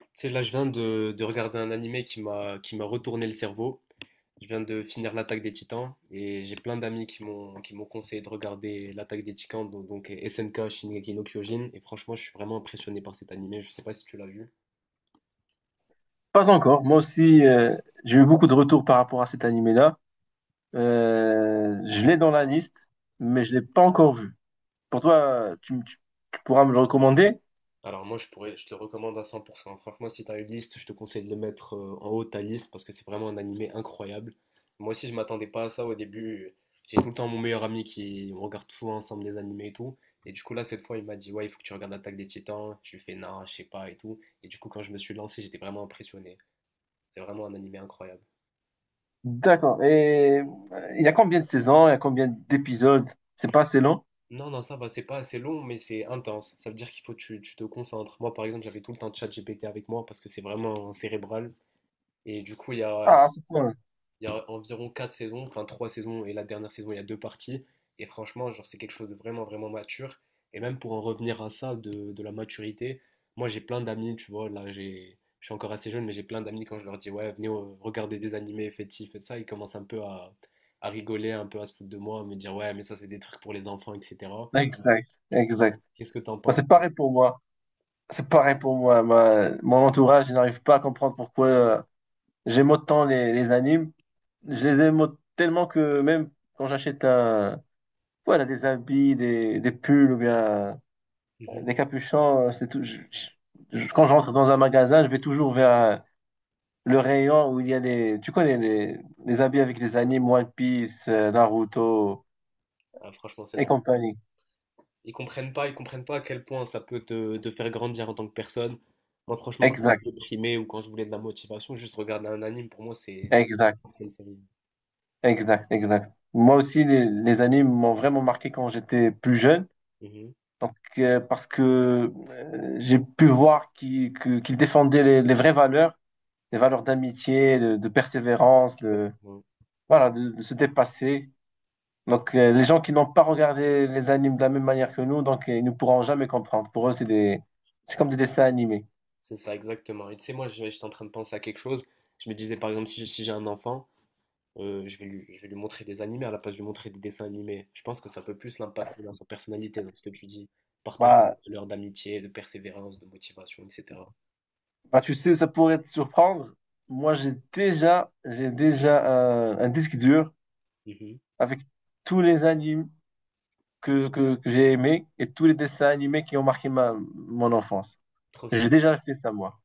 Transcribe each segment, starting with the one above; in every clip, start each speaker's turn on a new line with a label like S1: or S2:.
S1: Tu sais, là, je viens de regarder un animé qui m'a retourné le cerveau. Je viens de finir l'Attaque des Titans et j'ai plein d'amis qui m'ont conseillé de regarder l'Attaque des Titans, donc SNK Shingeki no Kyojin. Et franchement, je suis vraiment impressionné par cet animé. Je sais pas si tu l'as vu.
S2: Pas encore. Moi aussi, j'ai eu beaucoup de retours par rapport à cet animé-là. Je l'ai dans la liste, mais je l'ai pas encore vu. Pour toi, tu pourras me le recommander?
S1: Alors moi, je te le recommande à 100%. Franchement, si tu as une liste, je te conseille de le mettre en haut de ta liste parce que c'est vraiment un animé incroyable. Moi aussi, je m'attendais pas à ça au début. J'ai tout le temps mon meilleur ami qui on regarde tout ensemble les animés et tout. Et du coup là, cette fois, il m'a dit ouais, il faut que tu regardes Attaque des Titans. Je lui fais non, je sais pas et tout. Et du coup, quand je me suis lancé, j'étais vraiment impressionné. C'est vraiment un animé incroyable.
S2: D'accord. Et il y a combien de saisons? Il y a combien d'épisodes? C'est pas assez long?
S1: Non, non, ça va, c'est pas assez long, mais c'est intense. Ça veut dire qu'il faut que tu te concentres. Moi, par exemple, j'avais tout le temps ChatGPT avec moi parce que c'est vraiment cérébral. Et du coup,
S2: Ah, c'est cool.
S1: il y a environ 4 saisons, enfin 3 saisons et la dernière saison, il y a deux parties. Et franchement, genre, c'est quelque chose de vraiment, vraiment mature. Et même pour en revenir à ça, de la maturité, moi j'ai plein d'amis, tu vois, je suis encore assez jeune, mais j'ai plein d'amis quand je leur dis, ouais, venez regarder des animés, faites ci, faites ça, ils commencent un peu à rigoler, un peu à se foutre de moi, à me dire, ouais, mais ça c'est des trucs pour les enfants, etc.
S2: Exact, exact.
S1: Qu'est-ce que t'en
S2: Moi,
S1: penses?
S2: c'est pareil pour moi. C'est pareil pour moi. Mon entourage, il n'arrive pas à comprendre pourquoi j'aime autant les animes. Je les aime tellement que même quand j'achète un, voilà, des habits, des pulls ou bien
S1: Mhm.
S2: des capuchons. C'est tout. Quand je rentre dans un magasin, je vais toujours vers le rayon où il y a les. Tu connais les habits avec les animes One Piece, Naruto
S1: Ah, franchement, c'est
S2: et
S1: drôle.
S2: compagnie.
S1: Ils comprennent pas à quel point ça peut te faire grandir en tant que personne. Moi, franchement, quand
S2: Exact,
S1: j'étais déprimé ou quand je voulais de la motivation, juste regarder un anime, pour moi, c'est plus
S2: exact,
S1: important qu'une série.
S2: exact, exact. Moi aussi, les animes m'ont vraiment marqué quand j'étais plus jeune.
S1: Mhm.
S2: Donc, parce que j'ai pu voir qu'ils défendaient les vraies valeurs, les valeurs d'amitié, de persévérance,
S1: Exactement.
S2: voilà, de se dépasser. Donc, les gens qui n'ont pas regardé les animes de la même manière que nous, donc, ils ne pourront jamais comprendre. Pour eux, c'est des... c'est comme des dessins animés.
S1: C'est ça, exactement. Et tu sais, moi, j'étais en train de penser à quelque chose. Je me disais, par exemple, si j'ai un enfant, je vais lui montrer des animés à la place de lui montrer des dessins animés. Je pense que ça peut plus l'impacter dans sa personnalité, dans ce que tu dis. Partager des
S2: Bah,
S1: valeurs d'amitié, de persévérance, de motivation, etc.
S2: bah, tu sais, ça pourrait te surprendre. Moi, j'ai déjà un disque dur
S1: Mhm.
S2: avec tous les animes que j'ai aimés et tous les dessins animés qui ont marqué mon enfance.
S1: Trop stylé.
S2: J'ai déjà fait ça, moi.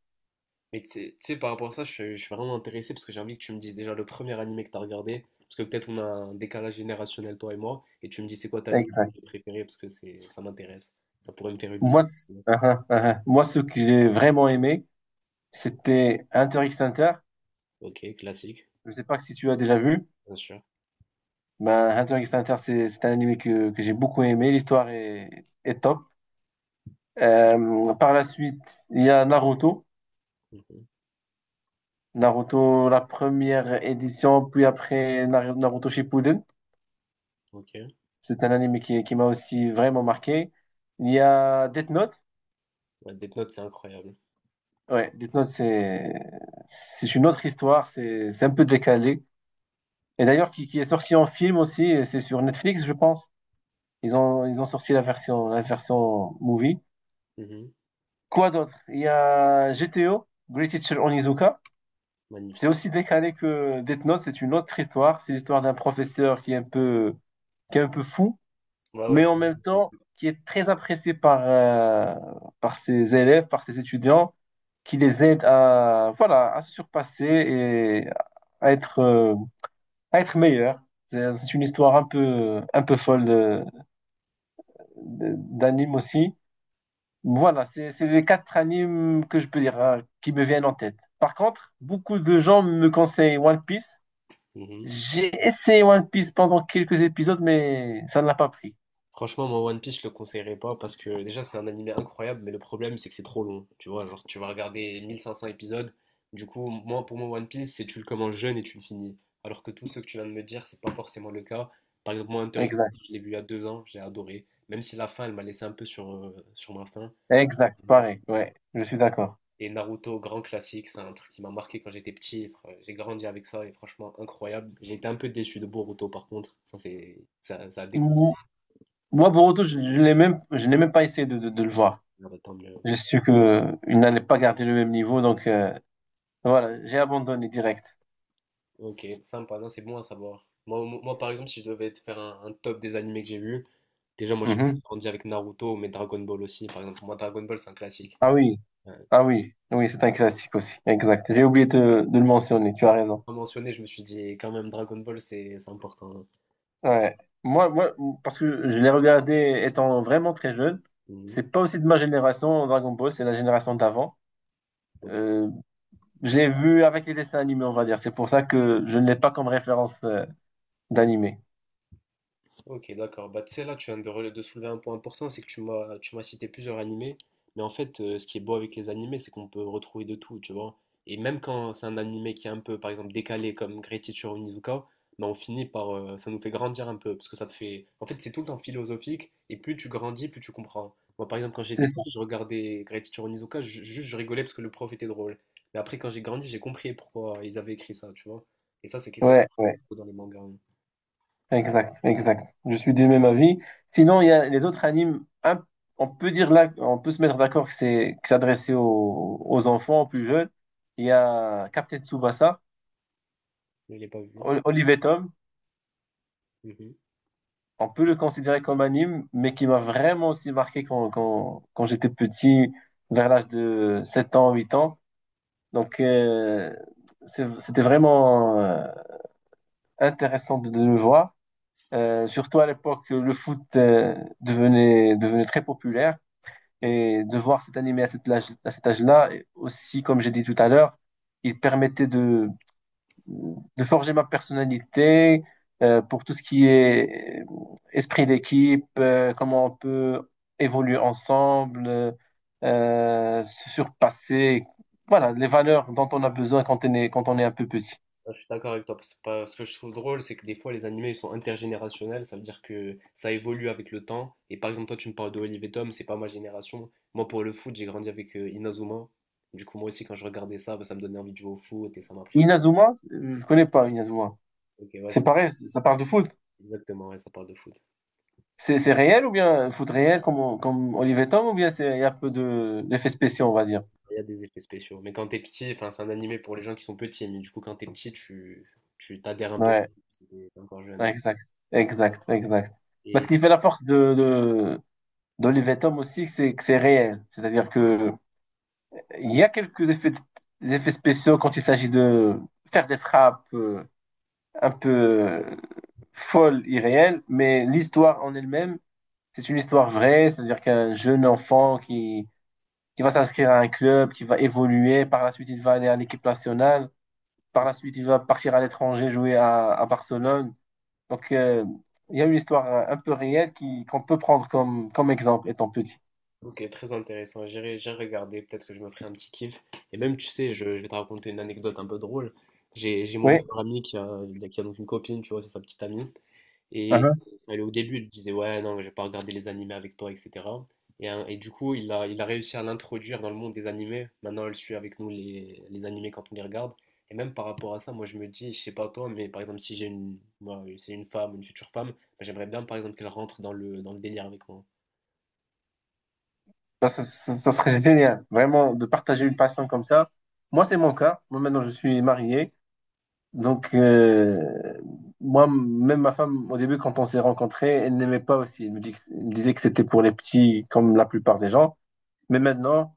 S1: Mais par rapport à ça, je suis vraiment intéressé parce que j'ai envie que tu me dises déjà le premier animé que tu as regardé. Parce que peut-être on a un décalage générationnel, toi et moi. Et tu me dis c'est quoi ta liste
S2: Exact.
S1: d'animés préférée parce que ça m'intéresse. Ça pourrait me faire une
S2: Moi,
S1: liste.
S2: uh-huh, uh-huh. Moi, ce que j'ai vraiment aimé, c'était Hunter x Hunter.
S1: Ok, classique,
S2: Je ne sais pas si tu as déjà vu.
S1: bien sûr.
S2: Ben, Hunter x Hunter, c'est un anime que j'ai beaucoup aimé. L'histoire est top. Par la suite, il y a Naruto.
S1: Mhm.
S2: Naruto, la première édition, puis après Naruto Shippuden.
S1: Ok.
S2: C'est un anime qui m'a aussi vraiment marqué. Il y a Death Note.
S1: Ouais, Death Note, c'est incroyable.
S2: Ouais, Death Note, c'est une autre histoire. C'est un peu décalé. Et d'ailleurs, qui est sorti en film aussi. Et c'est sur Netflix, je pense. Ils ont sorti la version movie.
S1: Mhm.
S2: Quoi d'autre? Il y a GTO, Great Teacher Onizuka. C'est
S1: Magnifique.
S2: aussi décalé que Death Note, c'est une autre histoire. C'est l'histoire d'un professeur qui est un peu, qui est un peu fou,
S1: Ouais, ouais.
S2: mais en même temps qui est très apprécié par, par ses élèves, par ses étudiants, qui les aide à, voilà, à se surpasser et à être, euh, à être meilleur. C'est une histoire un peu folle d'anime aussi. Voilà, c'est les quatre animes que je peux dire hein, qui me viennent en tête. Par contre, beaucoup de gens me conseillent One Piece.
S1: Mhm.
S2: J'ai essayé One Piece pendant quelques épisodes, mais ça ne l'a pas pris.
S1: Franchement, moi, One Piece, je le conseillerais pas parce que déjà, c'est un animé incroyable, mais le problème, c'est que c'est trop long. Tu vois, genre, tu vas regarder 1500 épisodes. Du coup, pour moi, One Piece, c'est tu le commences jeune et tu le finis. Alors que tous ceux que tu viens de me dire, c'est pas forcément le cas. Par exemple, moi, Hunter x
S2: Exact,
S1: Hunter, je l'ai vu il y a 2 ans, j'ai adoré. Même si la fin, elle m'a laissé un peu sur ma faim.
S2: exact, pareil, ouais, je suis d'accord.
S1: Et Naruto, grand classique, c'est un truc qui m'a marqué quand j'étais petit. J'ai grandi avec ça et franchement, incroyable. J'ai été un peu déçu de Boruto, par contre. Ça a déconseillé.
S2: Mou- Moi, Boruto, je l'ai même, je n'ai même pas essayé de le voir. J'ai su que il n'allait pas garder le même niveau, donc voilà, j'ai abandonné direct.
S1: Ok, sympa, non, c'est bon à savoir. Par exemple, si je devais te faire un top des animés que j'ai vus, déjà, moi, j'ai
S2: Mhm.
S1: grandi avec Naruto, mais Dragon Ball aussi. Par exemple, moi, Dragon Ball, c'est un classique.
S2: Ah oui,
S1: Euh,
S2: ah oui, oui, c'est un classique aussi, exact. J'ai oublié de le mentionner, tu as raison.
S1: Comme mentionné, je me suis dit, quand même, Dragon Ball, c'est important, hein.
S2: Ouais. Moi, parce que je l'ai regardé étant vraiment très jeune.
S1: Mhm.
S2: C'est pas aussi de ma génération, Dragon Ball, c'est la génération d'avant.
S1: Ok.
S2: Euh, je l'ai vu avec les dessins animés, on va dire. C'est pour ça que je ne l'ai pas comme référence d'animé.
S1: Ok, d'accord. Bah, tu sais, là, tu viens de soulever un point important, c'est que tu m'as cité plusieurs animés. Mais en fait, ce qui est beau avec les animés, c'est qu'on peut retrouver de tout, tu vois. Et même quand c'est un animé qui est un peu, par exemple, décalé comme Great Teacher Onizuka, bah, on finit par. Ça nous fait grandir un peu, parce que ça te fait. En fait, c'est tout le temps philosophique, et plus tu grandis, plus tu comprends. Moi, par exemple, quand j'étais
S2: C'est ça.
S1: petit, je regardais Great Teacher Onizuka, juste je rigolais parce que le prof était drôle. Mais après, quand j'ai grandi, j'ai compris pourquoi ils avaient écrit ça, tu vois. Et ça,
S2: Ouais, ouais.
S1: c'est dans les mangas, hein.
S2: Exact, exact. Je suis du même avis. Sinon, il y a les autres animes, on peut dire là, on peut se mettre d'accord que c'est adressé aux, aux enfants, aux plus jeunes. Il y a Captain Tsubasa,
S1: Je ne l'ai pas vu.
S2: Olive et Tom.
S1: Mhm,
S2: On peut le considérer comme anime, mais qui m'a vraiment aussi marqué quand j'étais petit, vers l'âge de 7 ans, 8 ans. Donc, c'était vraiment intéressant de le voir. Surtout à l'époque, le foot devenait très populaire.
S1: mhm.
S2: Et de voir cet animé à cet âge, à cet âge-là, et aussi, comme j'ai dit tout à l'heure, il permettait de forger ma personnalité pour tout ce qui est esprit d'équipe, comment on peut évoluer ensemble, se surpasser, voilà, les valeurs dont on a besoin quand on est un peu petit.
S1: Ah, je suis d'accord avec toi, parce que ce que je trouve drôle, c'est que des fois les animés ils sont intergénérationnels, ça veut dire que ça évolue avec le temps. Et par exemple, toi tu me parles de Olive et Tom, c'est pas ma génération. Moi pour le foot, j'ai grandi avec Inazuma. Du coup, moi aussi, quand je regardais ça, bah, ça me donnait envie de jouer au foot et ça m'a pris.
S2: Inazuma, je connais pas Inazuma.
S1: Ok, ouais,
S2: C'est
S1: c'est-
S2: pareil, ça parle de foot.
S1: Exactement, ouais, ça parle de foot.
S2: C'est réel ou bien foot réel comme Olivier Tom ou bien c'est il y a un peu de d'effets spéciaux, on va dire.
S1: Il y a des effets spéciaux. Mais quand t'es petit, enfin, c'est un animé pour les gens qui sont petits, mais du coup, quand t'es petit, tu t'adhères un peu au
S2: Ouais,
S1: foot, si t'es encore
S2: ouais, exact, exact, exact. Parce
S1: jeune.
S2: qu'il fait la force de d'Olivier Tom aussi, c'est que c'est réel. C'est-à-dire que il y a quelques effets, des effets spéciaux quand il s'agit de faire des frappes un peu folles, irréelles, mais l'histoire en elle-même, c'est une histoire vraie, c'est-à-dire qu'un jeune enfant qui va s'inscrire à un club, qui va évoluer, par la suite il va aller à l'équipe nationale. Par la suite, il va partir à l'étranger, à Barcelone. Donc, il y a une histoire un peu réelle qu'on peut prendre comme exemple étant petit.
S1: Ok, très intéressant. J'irai regarder. Peut-être que je me ferai un petit kiff. Et même, tu sais, je vais te raconter une anecdote un peu drôle. J'ai mon
S2: Oui,
S1: meilleur ami qui a donc une copine, tu vois, c'est sa petite amie. Et
S2: uh-huh.
S1: elle, au début, elle disait, ouais, non, je vais pas regarder les animés avec toi, etc. Et, hein, et du coup, il a réussi à l'introduire dans le monde des animés. Maintenant, elle suit avec nous les animés quand on les regarde. Et même par rapport à ça, moi, je me dis, je sais pas toi, mais par exemple, si j'ai une, moi, c'est une femme, une future femme, bah, j'aimerais bien, par exemple, qu'elle rentre dans dans le délire avec moi.
S2: Ben, ça serait génial, vraiment, de partager une passion comme ça. Moi, c'est mon cas. Moi, maintenant, je suis marié. Donc, moi, même ma femme, au début, quand on s'est rencontrés, elle n'aimait pas aussi. Elle me disait que c'était pour les petits, comme la plupart des gens. Mais maintenant,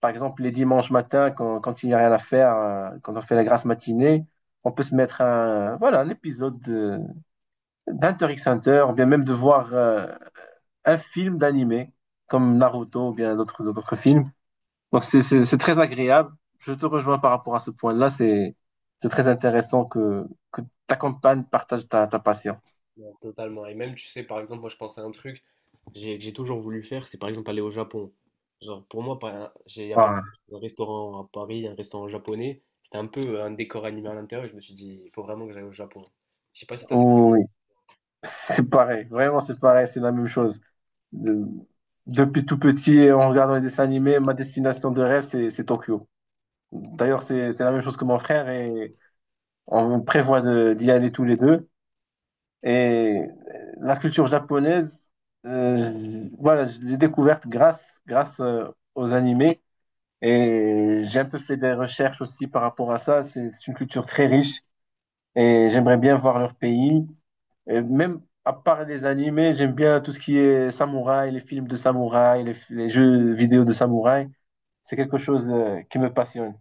S2: par exemple, les dimanches matins, quand il n'y a rien à faire, quand on fait la grasse matinée, on peut se mettre un, voilà, un épisode d'Hunter x Hunter, ou bien même de voir un film d'animé, comme Naruto, ou bien d'autres films. Donc, c'est très agréable. Je te rejoins par rapport à ce point-là. C'est très intéressant que ta compagne partage ta passion.
S1: Non, totalement. Et même, tu sais, par exemple, moi, je pensais à un truc que j'ai toujours voulu faire, c'est par exemple aller au Japon. Genre, pour moi, par- j'ai il y a pas-
S2: Voilà.
S1: Un restaurant à Paris, un restaurant japonais, c'était un peu un décor animé à l'intérieur. Et Je me suis dit, il faut vraiment que j'aille au Japon. Je sais pas si t'as...
S2: Oh, oui, oui. C'est pareil. Vraiment, c'est pareil. C'est la même chose. De- Depuis tout petit, en regardant les dessins animés, ma destination de rêve, c'est Tokyo. D'ailleurs, c'est la même chose que mon frère et on prévoit d'y aller tous les deux. Et la culture japonaise, voilà, je l'ai découverte grâce aux animés. Et j'ai un peu fait des recherches aussi par rapport à ça. C'est une culture très riche et j'aimerais bien voir leur pays. Et même à part les animés, j'aime bien tout ce qui est samouraï, les films de samouraï, les jeux vidéo de samouraï. C'est quelque chose qui me passionne.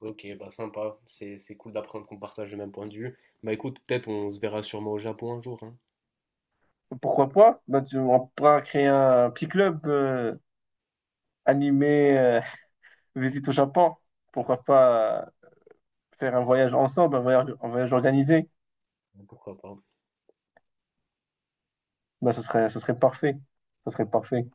S1: Ok, bah sympa, c'est cool d'apprendre qu'on partage le même point de vue. Bah écoute, peut-être on se verra sûrement au Japon un jour, hein.
S2: Pourquoi pas? On pourra créer un petit club animé visite au Japon. Pourquoi pas faire un voyage ensemble, un voyage organisé?
S1: Pourquoi pas.
S2: Ben, ça serait parfait. Ça serait parfait.